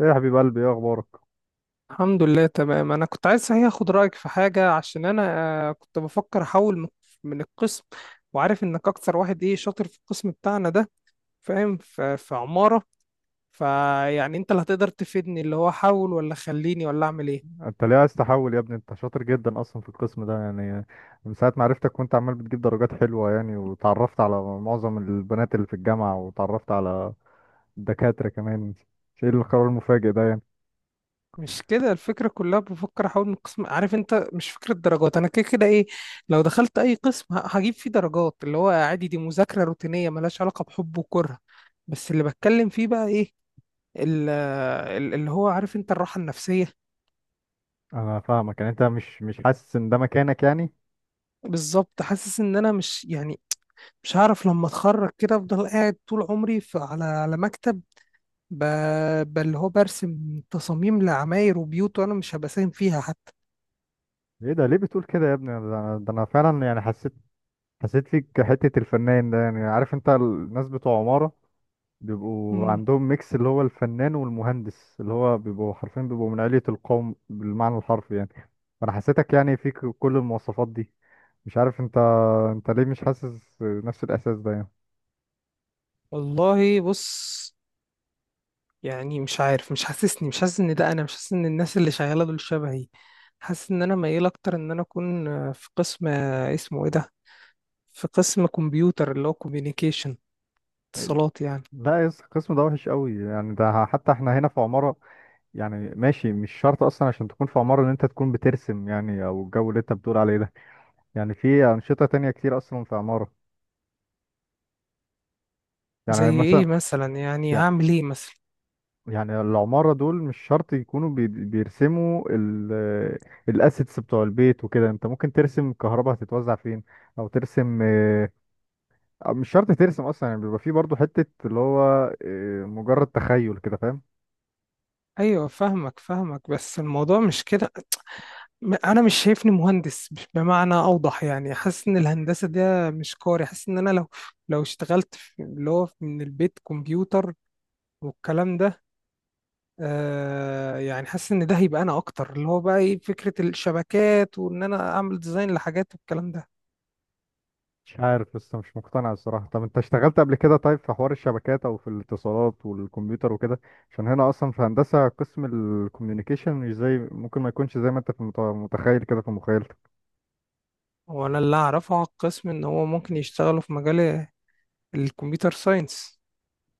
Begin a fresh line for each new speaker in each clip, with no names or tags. ايه يا حبيب قلبي، ايه اخبارك؟
الحمد لله تمام. انا كنت عايز صحيح اخد رايك في حاجه عشان انا كنت بفكر احول من القسم. وعارف انك اكتر واحد ايه شاطر في القسم بتاعنا ده، فاهم، في عماره. فيعني انت اللي هتقدر تفيدني، اللي هو احول ولا خليني ولا اعمل ايه؟
انت ليه عايز تحول يا ابني؟ انت شاطر جدا اصلا في القسم ده يعني. من ساعه ما عرفتك وانت عمال بتجيب درجات حلوه يعني، وتعرفت على معظم البنات اللي في الجامعه وتعرفت على الدكاتره كمان. مش ايه القرار المفاجئ ده يعني؟
مش كده الفكره كلها، بفكر احول من القسم. عارف انت مش فكره درجات، انا كده كده ايه، لو دخلت اي قسم هجيب فيه درجات، اللي هو عادي، دي مذاكره روتينيه ملهاش علاقه بحب وكره. بس اللي بتكلم فيه بقى ايه، اللي هو عارف انت الراحة النفسية.
انا فاهمك، يعني انت مش حاسس ان ده مكانك يعني.
بالظبط، حاسس ان انا مش يعني، مش هعرف لما اتخرج كده افضل قاعد طول عمري في على على مكتب ب... اللي هو برسم تصاميم لعماير وبيوت وانا مش هبقى ساهم فيها حتى.
ايه ده؟ ليه بتقول كده يا ابني؟ ده أنا فعلا، يعني حسيت فيك حته الفنان ده يعني. عارف انت الناس بتوع عماره بيبقوا
مم.
عندهم ميكس اللي هو الفنان والمهندس، اللي هو بيبقوا حرفيا بيبقوا من علية القوم بالمعنى الحرفي يعني. فأنا حسيتك يعني فيك كل المواصفات دي. مش عارف، انت ليه مش حاسس نفس الإحساس ده يعني؟
والله بص، يعني مش عارف، مش حاسسني، مش حاسس ان ده انا، مش حاسس ان الناس اللي شغالة دول شبهي. حاسس ان انا ميال اكتر ان انا اكون في قسم، اسمه ايه ده، في قسم كمبيوتر اللي هو كوميونيكيشن، اتصالات يعني.
لا يس، القسم ده وحش قوي يعني، ده حتى احنا هنا في عمارة. يعني ماشي، مش شرط اصلا عشان تكون في عمارة ان انت تكون بترسم يعني، او الجو اللي انت بتقول عليه ده. يعني في أنشطة تانية كتير اصلا في عمارة، يعني
زي
مثلا.
ايه مثلا؟ يعني هعمل ايه مثلا؟
يعني العمارة دول مش شرط يكونوا بيرسموا الاسيتس بتوع البيت وكده. انت ممكن ترسم الكهرباء هتتوزع فين، او ترسم، أو مش شرط ترسم اصلا يعني، بيبقى فيه برضو حتة اللي هو مجرد تخيل كده، فاهم؟
ايوه فاهمك فاهمك، بس الموضوع مش كده. انا مش شايفني مهندس، مش بمعنى اوضح يعني، حاسس ان الهندسه ده مش كاري. حاسس ان انا لو اشتغلت في اللي هو من البيت كمبيوتر والكلام ده، آه يعني حاسس ان ده هيبقى انا اكتر، اللي هو بقى ايه، فكره الشبكات وان انا اعمل ديزاين لحاجات والكلام ده.
مش عارف، لسه مش مقتنع الصراحة. طب انت اشتغلت قبل كده طيب في حوار الشبكات او في الاتصالات والكمبيوتر وكده؟ عشان هنا اصلا في هندسة قسم الكوميونيكيشن، مش زي، ممكن ما يكونش زي ما انت في متخيل كده في مخيلتك.
وانا اللي اعرفه على القسم ان هو ممكن يشتغلوا في مجال الكمبيوتر ساينس.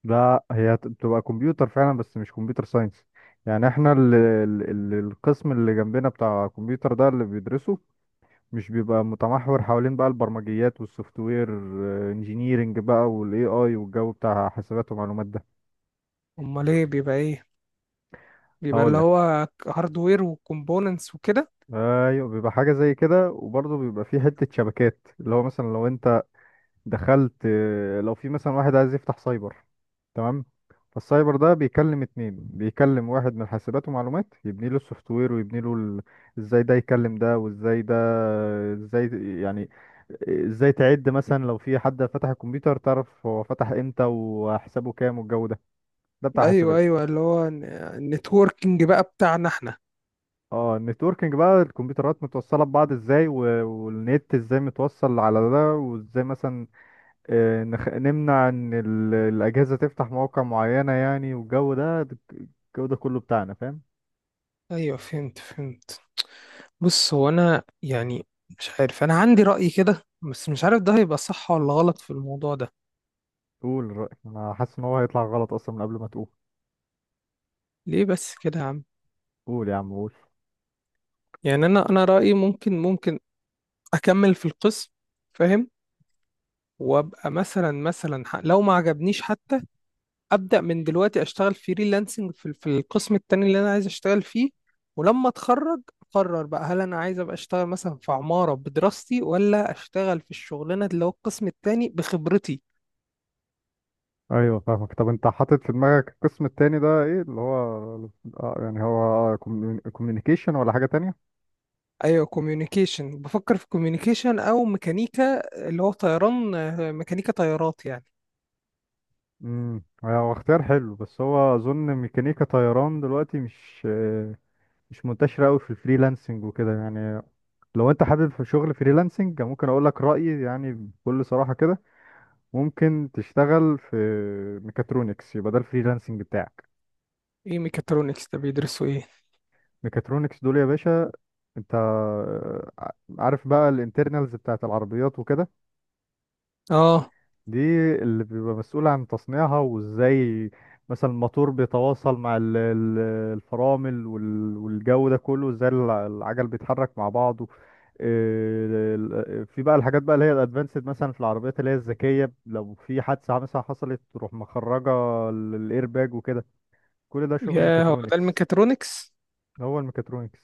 لا، هي بتبقى كمبيوتر فعلا بس مش كمبيوتر ساينس. يعني احنا ال القسم اللي جنبنا بتاع كمبيوتر ده اللي بيدرسه مش بيبقى متمحور حوالين بقى البرمجيات والسوفت وير انجينيرنج بقى والاي اي والجو بتاع حسابات ومعلومات ده.
امال ايه بيبقى ايه؟ بيبقى
هقول
اللي
لك،
هو هاردوير وكومبوننتس وكده؟
ايوه بيبقى حاجه زي كده، وبرضه بيبقى فيه حته شبكات، اللي هو مثلا لو انت دخلت، لو في مثلا واحد عايز يفتح سايبر، تمام؟ فالسايبر ده بيكلم اتنين، بيكلم واحد من حاسبات ومعلومات يبني له السوفت وير ويبني له. ازاي ده يكلم ده وازاي ده، ازاي يعني، ازاي تعد مثلا لو في حد فتح الكمبيوتر تعرف هو فتح امتى وحسابه كام والجو ده، ده بتاع
ايوه
حاسبات.
ايوه، اللي هو النتوركينج بقى بتاعنا احنا.
اه، النتوركينج بقى الكمبيوترات متوصلة ببعض ازاي، والنت ازاي متوصل على ده، وازاي مثلا نمنع ان الاجهزه تفتح مواقع معينه يعني، والجو ده الجو ده كله بتاعنا، فاهم؟
ايوه فهمت فهمت. بص هو انا يعني، مش عارف، انا عندي رأي كده بس مش عارف ده هيبقى صح ولا غلط في الموضوع ده.
قول رايك، انا حاسس ان هو هيطلع غلط اصلا من قبل ما تقول.
ليه بس كده يا عم؟
قول يا عم، قول.
يعني انا رأيي ممكن، ممكن اكمل في القسم، فاهم، وابقى مثلا مثلا لو ما عجبنيش حتى ابدا من دلوقتي اشتغل فريلانسنج في القسم التاني اللي انا عايز اشتغل فيه، ولما اتخرج اقرر بقى هل انا عايز ابقى اشتغل مثلا في عمارة بدراستي ولا اشتغل في الشغلانة اللي هو القسم التاني بخبرتي.
ايوه فاهمك، طب انت حاطط في دماغك القسم التاني ده ايه؟ اللي هو يعني هو كوميونيكيشن ولا حاجة تانية؟
ايوه كوميونيكيشن، بفكر في كوميونيكيشن او ميكانيكا، اللي هو طيران، ميكانيكا طيارات يعني.
هو اختيار حلو، بس هو اظن ميكانيكا طيران دلوقتي مش، مش منتشره قوي في الفريلانسنج وكده يعني. لو انت حابب في شغل فريلانسنج، ممكن اقول لك رايي يعني بكل صراحه كده. ممكن تشتغل في ميكاترونكس، يبقى ده الفريلانسنج بتاعك.
ايه ميكاترونكس ده؟ بيدرسوا ايه؟
ميكاترونكس دول يا باشا، انت ع- عارف بقى الانترنالز بتاعت العربيات وكده،
اه،
دي اللي بيبقى مسؤول عن تصنيعها وازاي مثلا الموتور بيتواصل مع الفرامل والجو ده كله، ازاي العجل بيتحرك مع بعضه. اه، في بقى الحاجات بقى اللي هي الادفانسد مثلا في العربيات اللي هي الذكيه، لو في حادثه مثلا حصلت تروح مخرجه الايرباج وكده. كل ده شغل
يا هو ده
ميكاترونكس.
الميكاترونكس؟
هو الميكاترونكس.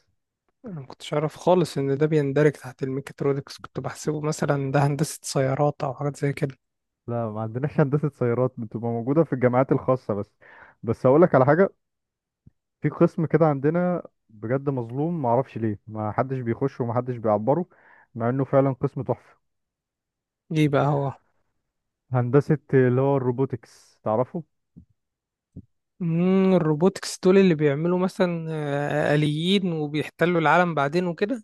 انا ما كنتش اعرف خالص ان ده بيندرج تحت الميكاترونكس، كنت بحسبه مثلا ده هندسة سيارات او حاجات زي كده.
لا، ما عندناش هندسة سيارات، بتبقى موجودة في الجامعات الخاصة بس. بس أقول لك على حاجة، في قسم كده عندنا بجد مظلوم، ما اعرفش ليه ما حدش بيخشه وما حدش بيعبره مع إنه فعلا قسم تحفة.
ايه بقى هو؟
هندسة اللي هو الروبوتكس، تعرفه؟
امم، الروبوتكس دول اللي بيعملوا مثلا آليين وبيحتلوا العالم بعدين وكده؟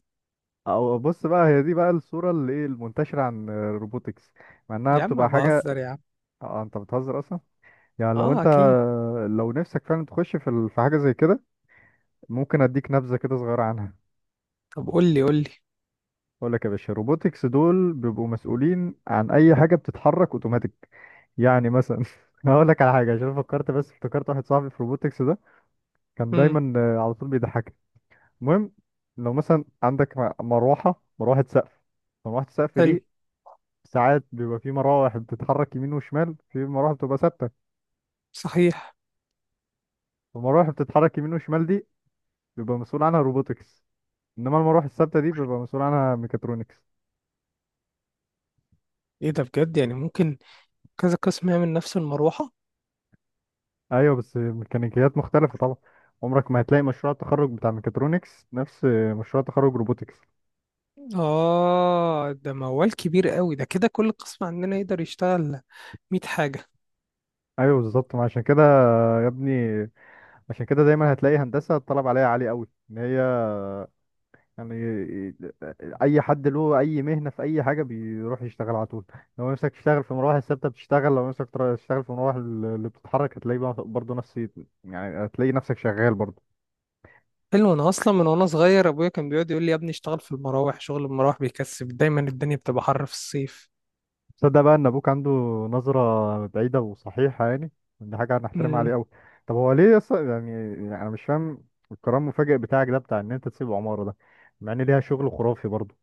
أو بص بقى، هي دي بقى الصورة اللي إيه المنتشرة عن الروبوتكس، مع إنها
يا عم
بتبقى حاجة.
بهزر يا عم.
آه، أنت بتهزر أصلا. يعني
اه اكيد.
لو نفسك فعلا تخش في في حاجة زي كده، ممكن أديك نبذة كده صغيرة عنها.
طب قول لي قول لي.
بقول لك يا باشا، روبوتكس دول بيبقوا مسؤولين عن اي حاجه بتتحرك اوتوماتيك. يعني مثلا هقول لك على حاجه عشان فكرت، بس افتكرت واحد صاحبي في روبوتكس ده كان
امم.
دايما على طول بيضحكني. المهم، لو مثلا عندك مروحه سقف، مروحه السقف
حلو.
دي ساعات بيبقى في مراوح بتتحرك يمين وشمال، في مراوح بتبقى ثابته.
صحيح.
المراوح اللي بتتحرك يمين وشمال دي بيبقى مسؤول عنها روبوتكس، انما المراوح الثابته دي بيبقى مسؤول عنها ميكاترونكس.
ايه ده بجد؟ يعني ممكن كذا قسم يعمل نفس المروحة؟
ايوه بس ميكانيكيات مختلفه طبعا، عمرك ما هتلاقي مشروع التخرج بتاع ميكاترونكس نفس مشروع تخرج روبوتكس.
اه ده موال كبير قوي ده، كده كل قسم عندنا يقدر يشتغل 100 حاجة.
ايوه بالظبط، ما عشان كده يا ابني، عشان كده دايما هتلاقي هندسه الطلب عليها عالي قوي، ان هي يعني اي حد له اي مهنه في اي حاجه بيروح يشتغل على طول. لو نفسك تشتغل في مراوح الثابته بتشتغل، لو نفسك تشتغل في مراوح اللي بتتحرك هتلاقي بقى برضه نفس، يعني هتلاقي نفسك شغال برضه.
حلو. انا اصلا من وانا صغير ابويا كان بيقعد يقول لي يا ابني اشتغل في المراوح، شغل المراوح بيكسب دايما، الدنيا بتبقى حر في الصيف.
تصدق بقى ان ابوك عنده نظرة بعيدة وصحيحة يعني، دي حاجة هنحترمها عليه قوي. طب هو ليه يعني انا مش فاهم القرار المفاجئ بتاعك ده بتاع ان انت تسيب عمارة ده مع ان ليها شغل خرافي برضه.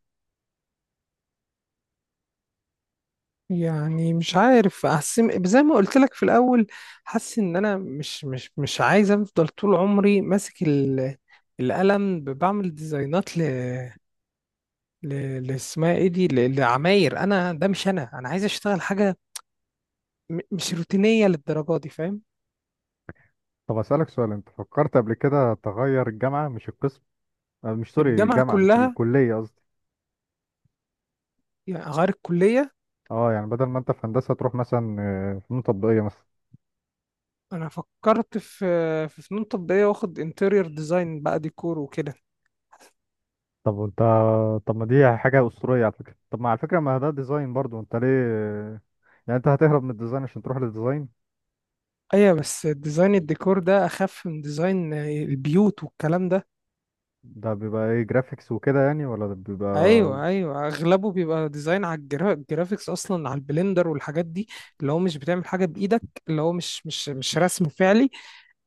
يعني مش عارف، احس زي ما قلت لك في الاول، حاسس ان انا مش عايز افضل طول عمري ماسك القلم بعمل ديزاينات ل لاسمها ايه دي، لعماير. انا ده مش انا، انا عايز اشتغل حاجه مش روتينيه للدرجه دي، فاهم.
طب اسألك سؤال، انت فكرت قبل كده تغير الجامعة مش القسم؟ مش سوري،
الجامعه
الجامعة مش
كلها
الكلية قصدي.
يعني، غير الكليه.
اه، يعني بدل ما انت في هندسة تروح مثلا فنون تطبيقية مثلا.
انا فكرت في في فنون تطبيقيه، واخد انتيريور ديزاين بقى، ديكور وكده.
طب وانت طب ما دي حاجة أسطورية على فكرة، طب ما على فكرة ما ده ديزاين برضه، انت ليه يعني انت هتهرب من الديزاين عشان تروح للديزاين؟
ايوه بس ديزاين الديكور ده اخف من ديزاين البيوت والكلام ده.
ده بيبقى ايه، جرافيكس وكده يعني ولا ده بيبقى؟
ايوه ايوه، اغلبه بيبقى ديزاين على الجرافيكس، اصلا على البلندر والحاجات دي، اللي هو مش بتعمل حاجه بايدك، اللي هو مش رسم فعلي،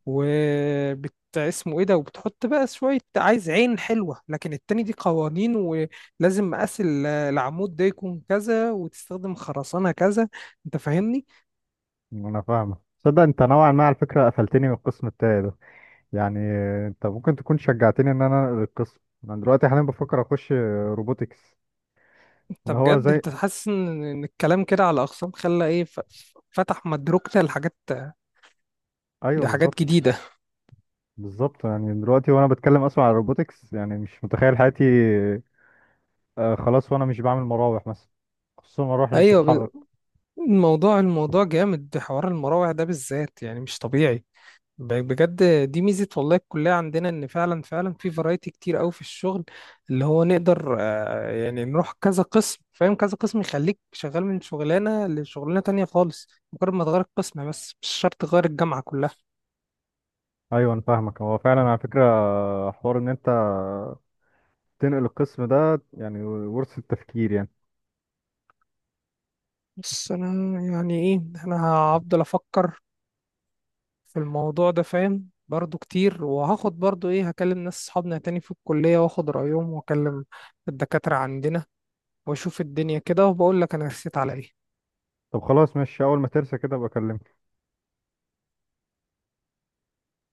وبت اسمه ايه ده، وبتحط بقى شويه عايز عين حلوه. لكن التاني دي قوانين، ولازم مقاس العمود ده يكون كذا وتستخدم خرسانه كذا، انت فاهمني.
انا فاهمه. تصدق انت نوعا ما على فكره قفلتني من القسم بتاعي ده، يعني انت ممكن تكون شجعتني ان انا انقل القسم. انا دلوقتي حاليا بفكر اخش روبوتكس.
انت
ان هو
بجد
زي.
انت حاسس ان إن الكلام كده على اقسام خلى ايه، فتح مدركنا لحاجات،
ايوه
لحاجات
بالظبط،
جديده.
بالظبط يعني دلوقتي وانا بتكلم اصلا على روبوتكس يعني مش متخيل حياتي خلاص وانا مش بعمل مراوح مثلا، خصوصا المراوح اللي
ايوه.
بتتحرك.
الموضوع جامد، حوار المراوح ده بالذات يعني مش طبيعي، بجد. دي ميزة والله الكلية عندنا، ان فعلا فعلا في فرايتي كتير قوي في الشغل، اللي هو نقدر يعني نروح كذا قسم، فاهم، كذا قسم يخليك شغال من شغلانة لشغلانة تانية خالص، مجرد ما تغير القسم بس مش شرط تغير الجامعة كلها.
ايوه انا فاهمك، هو فعلا على فكره حوار ان انت تنقل القسم ده يعني ورث التفكير يعني.
بس انا يعني ايه، انا هفضل افكر في الموضوع ده، فاهم، برضو كتير، وهاخد برضو ايه، هكلم ناس صحابنا تاني في الكلية واخد رأيهم، واكلم الدكاترة عندنا، واشوف الدنيا كده، وبقول لك انا رسيت على ايه.
طب خلاص ماشي، اول ما ترسى كده ابقى اكلمك.